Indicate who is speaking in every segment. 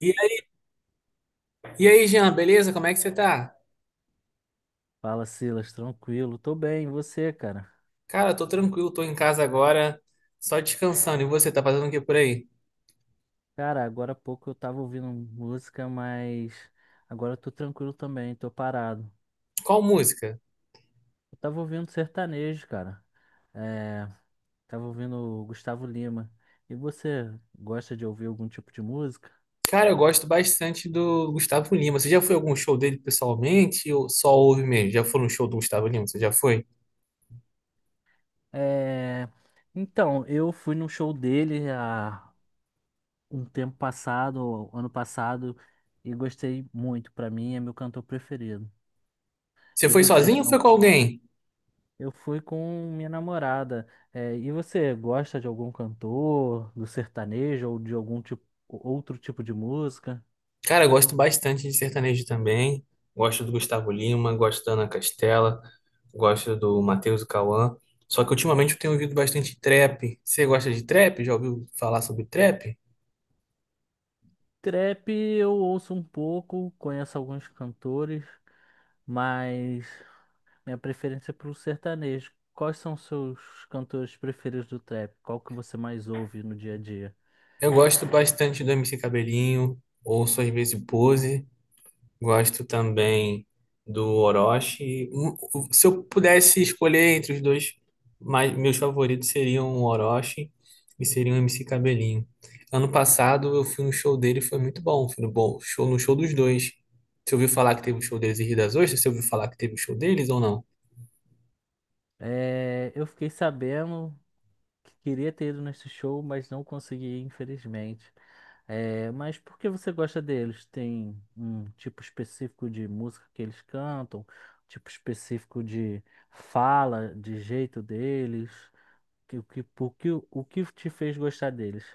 Speaker 1: E aí, e aí, Jean, beleza? Como é que você tá?
Speaker 2: Fala, Silas, tranquilo? Tô bem, e você, cara?
Speaker 1: Cara, tô tranquilo, tô em casa agora, só descansando. E você, tá fazendo o que por aí?
Speaker 2: Cara, agora há pouco eu tava ouvindo música, mas agora eu tô tranquilo também, tô parado.
Speaker 1: Qual música?
Speaker 2: Eu tava ouvindo sertanejo, cara. É, Tava ouvindo o Gustavo Lima. E você gosta de ouvir algum tipo de música?
Speaker 1: Cara, eu gosto bastante do Gustavo Lima. Você já foi a algum show dele pessoalmente ou só ouve mesmo? Já foi num show do Gustavo Lima? Você já foi?
Speaker 2: É, então, eu fui num show dele há um tempo passado, ano passado, e gostei muito. Pra mim, é meu cantor preferido.
Speaker 1: Você
Speaker 2: E
Speaker 1: foi
Speaker 2: você,
Speaker 1: sozinho ou
Speaker 2: tem.
Speaker 1: foi com alguém?
Speaker 2: Eu fui com minha namorada. É, e você gosta de algum cantor, do sertanejo ou de algum tipo, outro tipo de música?
Speaker 1: Cara, eu gosto bastante de sertanejo também. Gosto do Gustavo Lima, gosto da Ana Castela, gosto do Matheus e Cauã. Só que ultimamente eu tenho ouvido bastante trap. Você gosta de trap? Já ouviu falar sobre trap?
Speaker 2: Trap eu ouço um pouco, conheço alguns cantores, mas minha preferência é pro sertanejo. Quais são os seus cantores preferidos do trap? Qual que você mais ouve no dia a dia?
Speaker 1: Eu gosto bastante do MC Cabelinho, ouço às vezes o Pose, gosto também do Orochi. Se eu pudesse escolher entre os dois, mas meus favoritos seriam o Orochi e seriam o MC Cabelinho. Ano passado eu fui no show dele, e foi muito bom, foi no show dos dois. Você ouviu falar que teve um show deles em Rio das Ostras? Você ouviu falar que teve um show deles ou não?
Speaker 2: É, eu fiquei sabendo que queria ter ido nesse show, mas não consegui, infelizmente. É, mas por que você gosta deles? Tem um tipo específico de música que eles cantam, tipo específico de fala, de jeito deles? O que te fez gostar deles?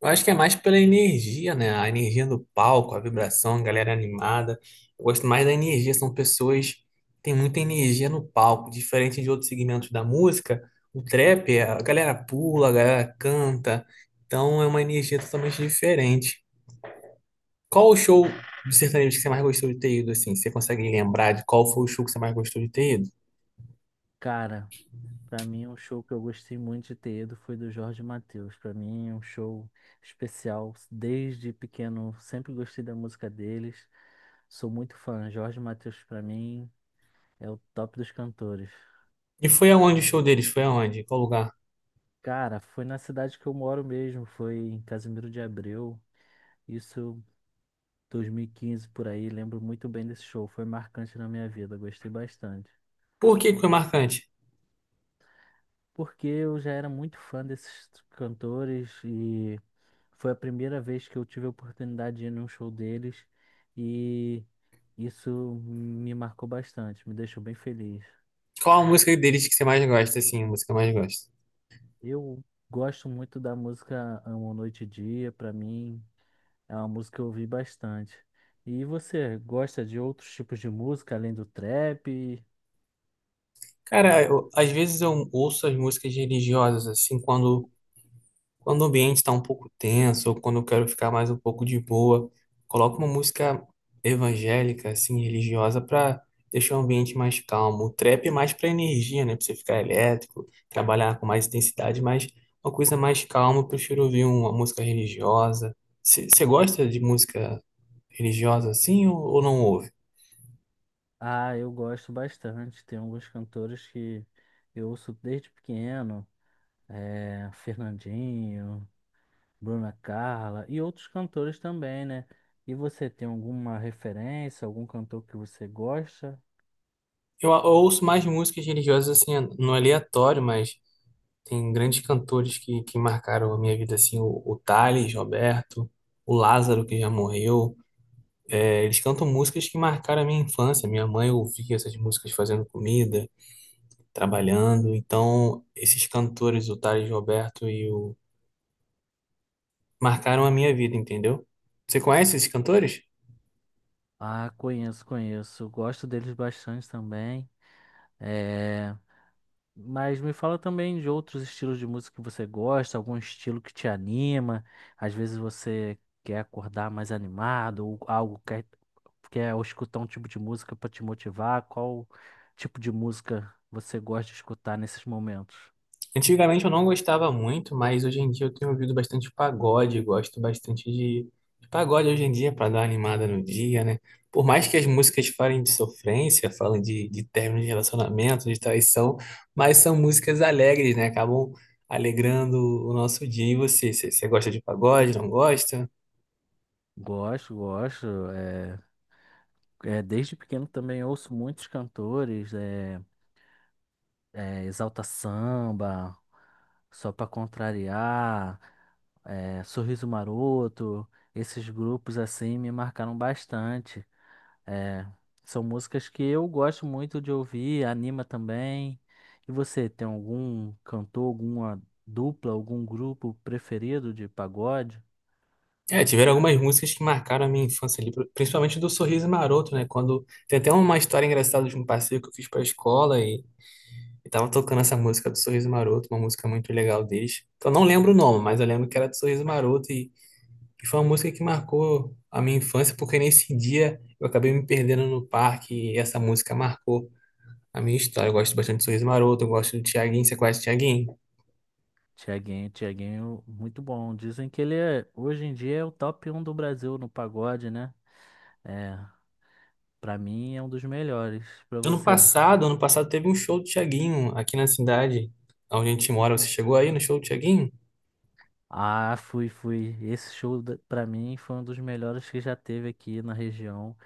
Speaker 1: Eu acho que é mais pela energia, né? A energia do palco, a vibração, a galera animada. Eu gosto mais da energia, são pessoas que têm muita energia no palco, diferente de outros segmentos da música. O trap, a galera pula, a galera canta, então é uma energia totalmente diferente. Qual o show de sertanejo que você mais gostou de ter ido, assim? Você consegue lembrar de qual foi o show que você mais gostou de ter ido?
Speaker 2: Cara, pra mim um show que eu gostei muito de ter ido foi do Jorge Mateus. Pra mim é um show especial. Desde pequeno sempre gostei da música deles. Sou muito fã. Jorge Mateus pra mim é o top dos cantores.
Speaker 1: E foi aonde o show deles? Foi aonde? Qual lugar?
Speaker 2: Cara, foi na cidade que eu moro mesmo, foi em Casimiro de Abreu, isso 2015 por aí, lembro muito bem desse show, foi marcante na minha vida, gostei bastante.
Speaker 1: Por que que foi marcante?
Speaker 2: Porque eu já era muito fã desses cantores e foi a primeira vez que eu tive a oportunidade de ir num show deles e isso me marcou bastante, me deixou bem feliz.
Speaker 1: Qual a música deles que você mais gosta, assim? A música que mais gosta?
Speaker 2: Eu gosto muito da música Amo Noite e Dia. Pra mim é uma música que eu ouvi bastante. E você gosta de outros tipos de música além do trap?
Speaker 1: Cara, às vezes eu ouço as músicas religiosas, assim, quando, quando o ambiente está um pouco tenso, ou quando eu quero ficar mais um pouco de boa, coloco uma música evangélica, assim, religiosa, para deixar o ambiente mais calmo. O trap é mais para energia, né? Para você ficar elétrico, trabalhar com mais intensidade, mas uma coisa mais calma, eu prefiro ouvir uma música religiosa. Você gosta de música religiosa, assim, ou não ouve?
Speaker 2: Ah, eu gosto bastante. Tem alguns cantores que eu ouço desde pequeno, Fernandinho, Bruna Carla e outros cantores também, né? E você tem alguma referência, algum cantor que você gosta?
Speaker 1: Eu ouço mais músicas religiosas, assim, no aleatório, mas. Tem grandes cantores que marcaram a minha vida, assim, o Thales, Roberto, o Lázaro, que já morreu. É, eles cantam músicas que marcaram a minha infância. Minha mãe ouvia essas músicas fazendo comida, trabalhando. Então, esses cantores, o Thales, Roberto e o... marcaram a minha vida, entendeu? Você conhece esses cantores?
Speaker 2: Ah, conheço, conheço. Gosto deles bastante também. É, mas me fala também de outros estilos de música que você gosta, algum estilo que te anima. Às vezes você quer acordar mais animado, ou algo quer, quer escutar um tipo de música para te motivar. Qual tipo de música você gosta de escutar nesses momentos?
Speaker 1: Antigamente eu não gostava muito, mas hoje em dia eu tenho ouvido bastante pagode, gosto bastante de pagode hoje em dia para dar uma animada no dia, né? Por mais que as músicas falem de sofrência, falem de término de relacionamento, de traição, mas são músicas alegres, né? Acabam alegrando o nosso dia. E você, você gosta de pagode, não gosta?
Speaker 2: Gosto, gosto. Desde pequeno também ouço muitos cantores, Exalta Samba, Só Pra Contrariar, Sorriso Maroto, esses grupos assim me marcaram bastante. É, são músicas que eu gosto muito de ouvir, anima também. E você tem algum cantor, alguma dupla, algum grupo preferido de pagode?
Speaker 1: É, tiveram algumas músicas que marcaram a minha infância ali, principalmente do Sorriso Maroto, né? Quando tem até uma história engraçada de um passeio que eu fiz para a escola e tava tocando essa música do Sorriso Maroto, uma música muito legal deles. Que eu não lembro o nome, mas eu lembro que era do Sorriso Maroto e foi uma música que marcou a minha infância, porque nesse dia eu acabei me perdendo no parque e essa música marcou a minha história. Eu gosto bastante do Sorriso Maroto, eu gosto do Thiaguinho, você conhece o Thiaguinho?
Speaker 2: Tiaguinho, Tiaguinho, muito bom. Dizem que ele é, hoje em dia, é o top um do Brasil no pagode, né? É, para mim é um dos melhores. Para
Speaker 1: Ano
Speaker 2: você?
Speaker 1: passado, ano passado teve um show do Thiaguinho aqui na cidade onde a gente mora. Você chegou aí no show do Thiaguinho?
Speaker 2: Ah, fui, fui. Esse show da- pra mim foi um dos melhores que já teve aqui na região.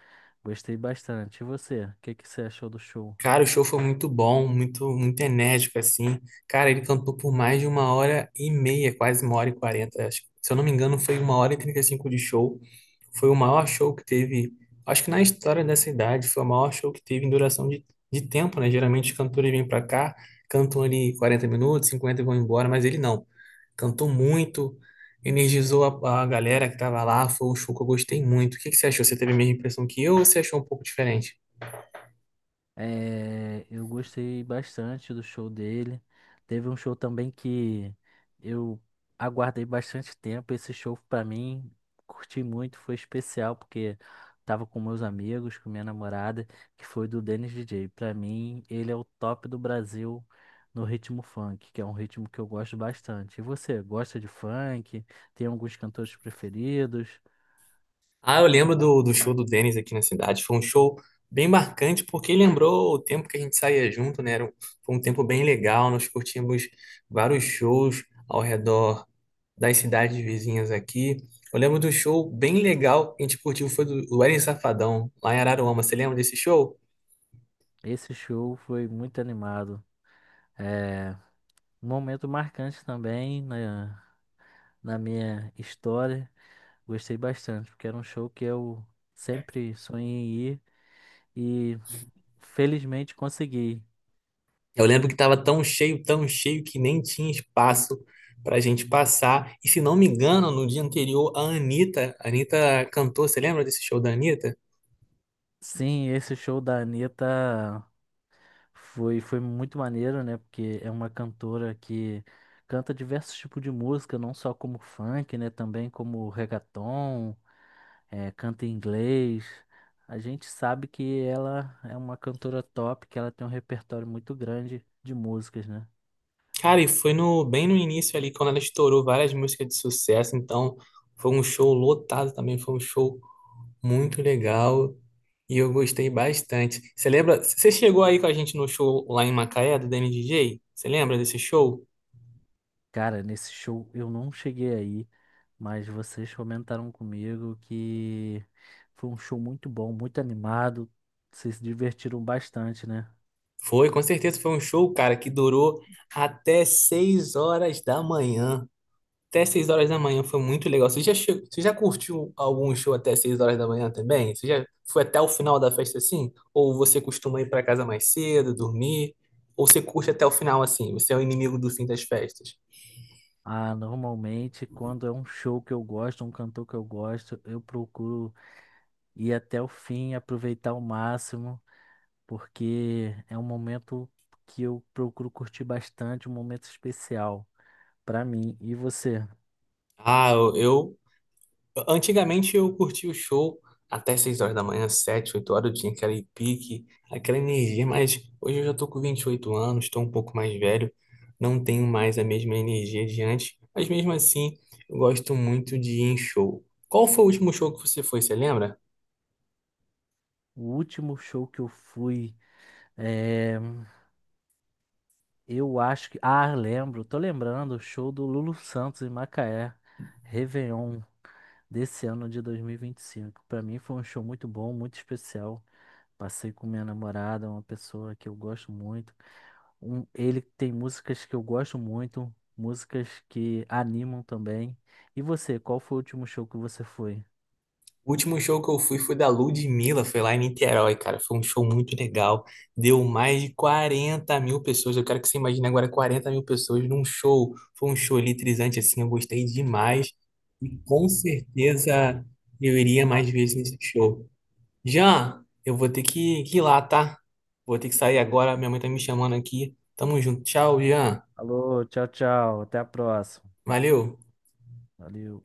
Speaker 2: Gostei bastante. E você? O que que você achou do show?
Speaker 1: Cara, o show foi muito bom, muito, muito enérgico, assim. Cara, ele cantou por mais de uma hora e meia, quase uma hora e quarenta. Acho, se eu não me engano, foi uma hora e trinta e cinco de show. Foi o maior show que teve, acho que na história dessa idade, foi o maior show que teve em duração de tempo, né? Geralmente os cantores vêm pra cá, cantam ali 40 minutos, 50 e vão embora, mas ele não. Cantou muito, energizou a galera que tava lá, foi um show que eu gostei muito. O que que você achou? Você teve a mesma impressão que eu ou você achou um pouco diferente?
Speaker 2: É, eu gostei bastante do show dele. Teve um show também que eu aguardei bastante tempo. Esse show pra mim, curti muito, foi especial porque tava com meus amigos, com minha namorada, que foi do Dennis DJ. Pra mim, ele é o top do Brasil no ritmo funk, que é um ritmo que eu gosto bastante. E você, gosta de funk? Tem alguns cantores preferidos?
Speaker 1: Ah, eu lembro do show do Denis aqui na cidade. Foi um show bem marcante, porque lembrou o tempo que a gente saía junto, né? Foi um tempo bem legal. Nós curtimos vários shows ao redor das cidades vizinhas aqui. Eu lembro do show bem legal que a gente curtiu, foi do Wesley Safadão, lá em Araruama. Você lembra desse show?
Speaker 2: Esse show foi muito animado. É, um momento marcante também na, na minha história. Gostei bastante, porque era um show que eu sempre sonhei em ir e felizmente consegui.
Speaker 1: Eu lembro que estava tão cheio, que nem tinha espaço para a gente passar. E se não me engano, no dia anterior, a Anitta cantou. Você lembra desse show da Anitta?
Speaker 2: Sim, esse show da Anitta foi, foi muito maneiro, né? Porque é uma cantora que canta diversos tipos de música, não só como funk, né? Também como reggaeton, canta em inglês. A gente sabe que ela é uma cantora top, que ela tem um repertório muito grande de músicas, né?
Speaker 1: Cara, e foi no, bem no início ali, quando ela estourou várias músicas de sucesso, então foi um show lotado também, foi um show muito legal e eu gostei bastante. Você lembra? Você chegou aí com a gente no show lá em Macaé, do DNDJ? Você lembra desse show?
Speaker 2: Cara, nesse show eu não cheguei aí, mas vocês comentaram comigo que foi um show muito bom, muito animado. Vocês se divertiram bastante, né?
Speaker 1: Foi, com certeza foi um show, cara, que durou até 6 horas da manhã. Até 6 horas da manhã foi muito legal. Você já curtiu algum show até 6 horas da manhã também? Você já foi até o final da festa assim? Ou você costuma ir para casa mais cedo, dormir? Ou você curte até o final assim? Você é o inimigo do fim das festas?
Speaker 2: Ah, normalmente quando é um show que eu gosto, um cantor que eu gosto, eu procuro ir até o fim, aproveitar ao máximo, porque é um momento que eu procuro curtir bastante, um momento especial pra mim. E você?
Speaker 1: Ah, eu antigamente eu curtia o show até 6 horas da manhã, 7, 8 horas, eu tinha aquele pique, aquela energia, mas hoje eu já tô com 28 anos, estou um pouco mais velho, não tenho mais a mesma energia de antes, mas mesmo assim eu gosto muito de ir em show. Qual foi o último show que você foi, você lembra?
Speaker 2: O último show que eu fui. eh, Eu acho que. Ah, lembro, tô lembrando, o show do Lulu Santos em Macaé, Réveillon, desse ano de 2025. Pra mim foi um show muito bom, muito especial. Passei com minha namorada, uma pessoa que eu gosto muito. Ele tem músicas que eu gosto muito, músicas que animam também. E você, qual foi o último show que você foi?
Speaker 1: O último show que eu fui foi da Ludmilla, foi lá em Niterói, cara. Foi um show muito legal. Deu mais de 40 mil pessoas. Eu quero que você imagine agora 40 mil pessoas num show. Foi um show eletrizante, assim, eu gostei demais. E com certeza eu iria mais vezes nesse show. Jean, eu vou ter que ir lá, tá? Vou ter que sair agora. Minha mãe tá me chamando aqui. Tamo junto. Tchau, Jean.
Speaker 2: Alô, tchau, tchau, até a próxima.
Speaker 1: Valeu.
Speaker 2: Valeu.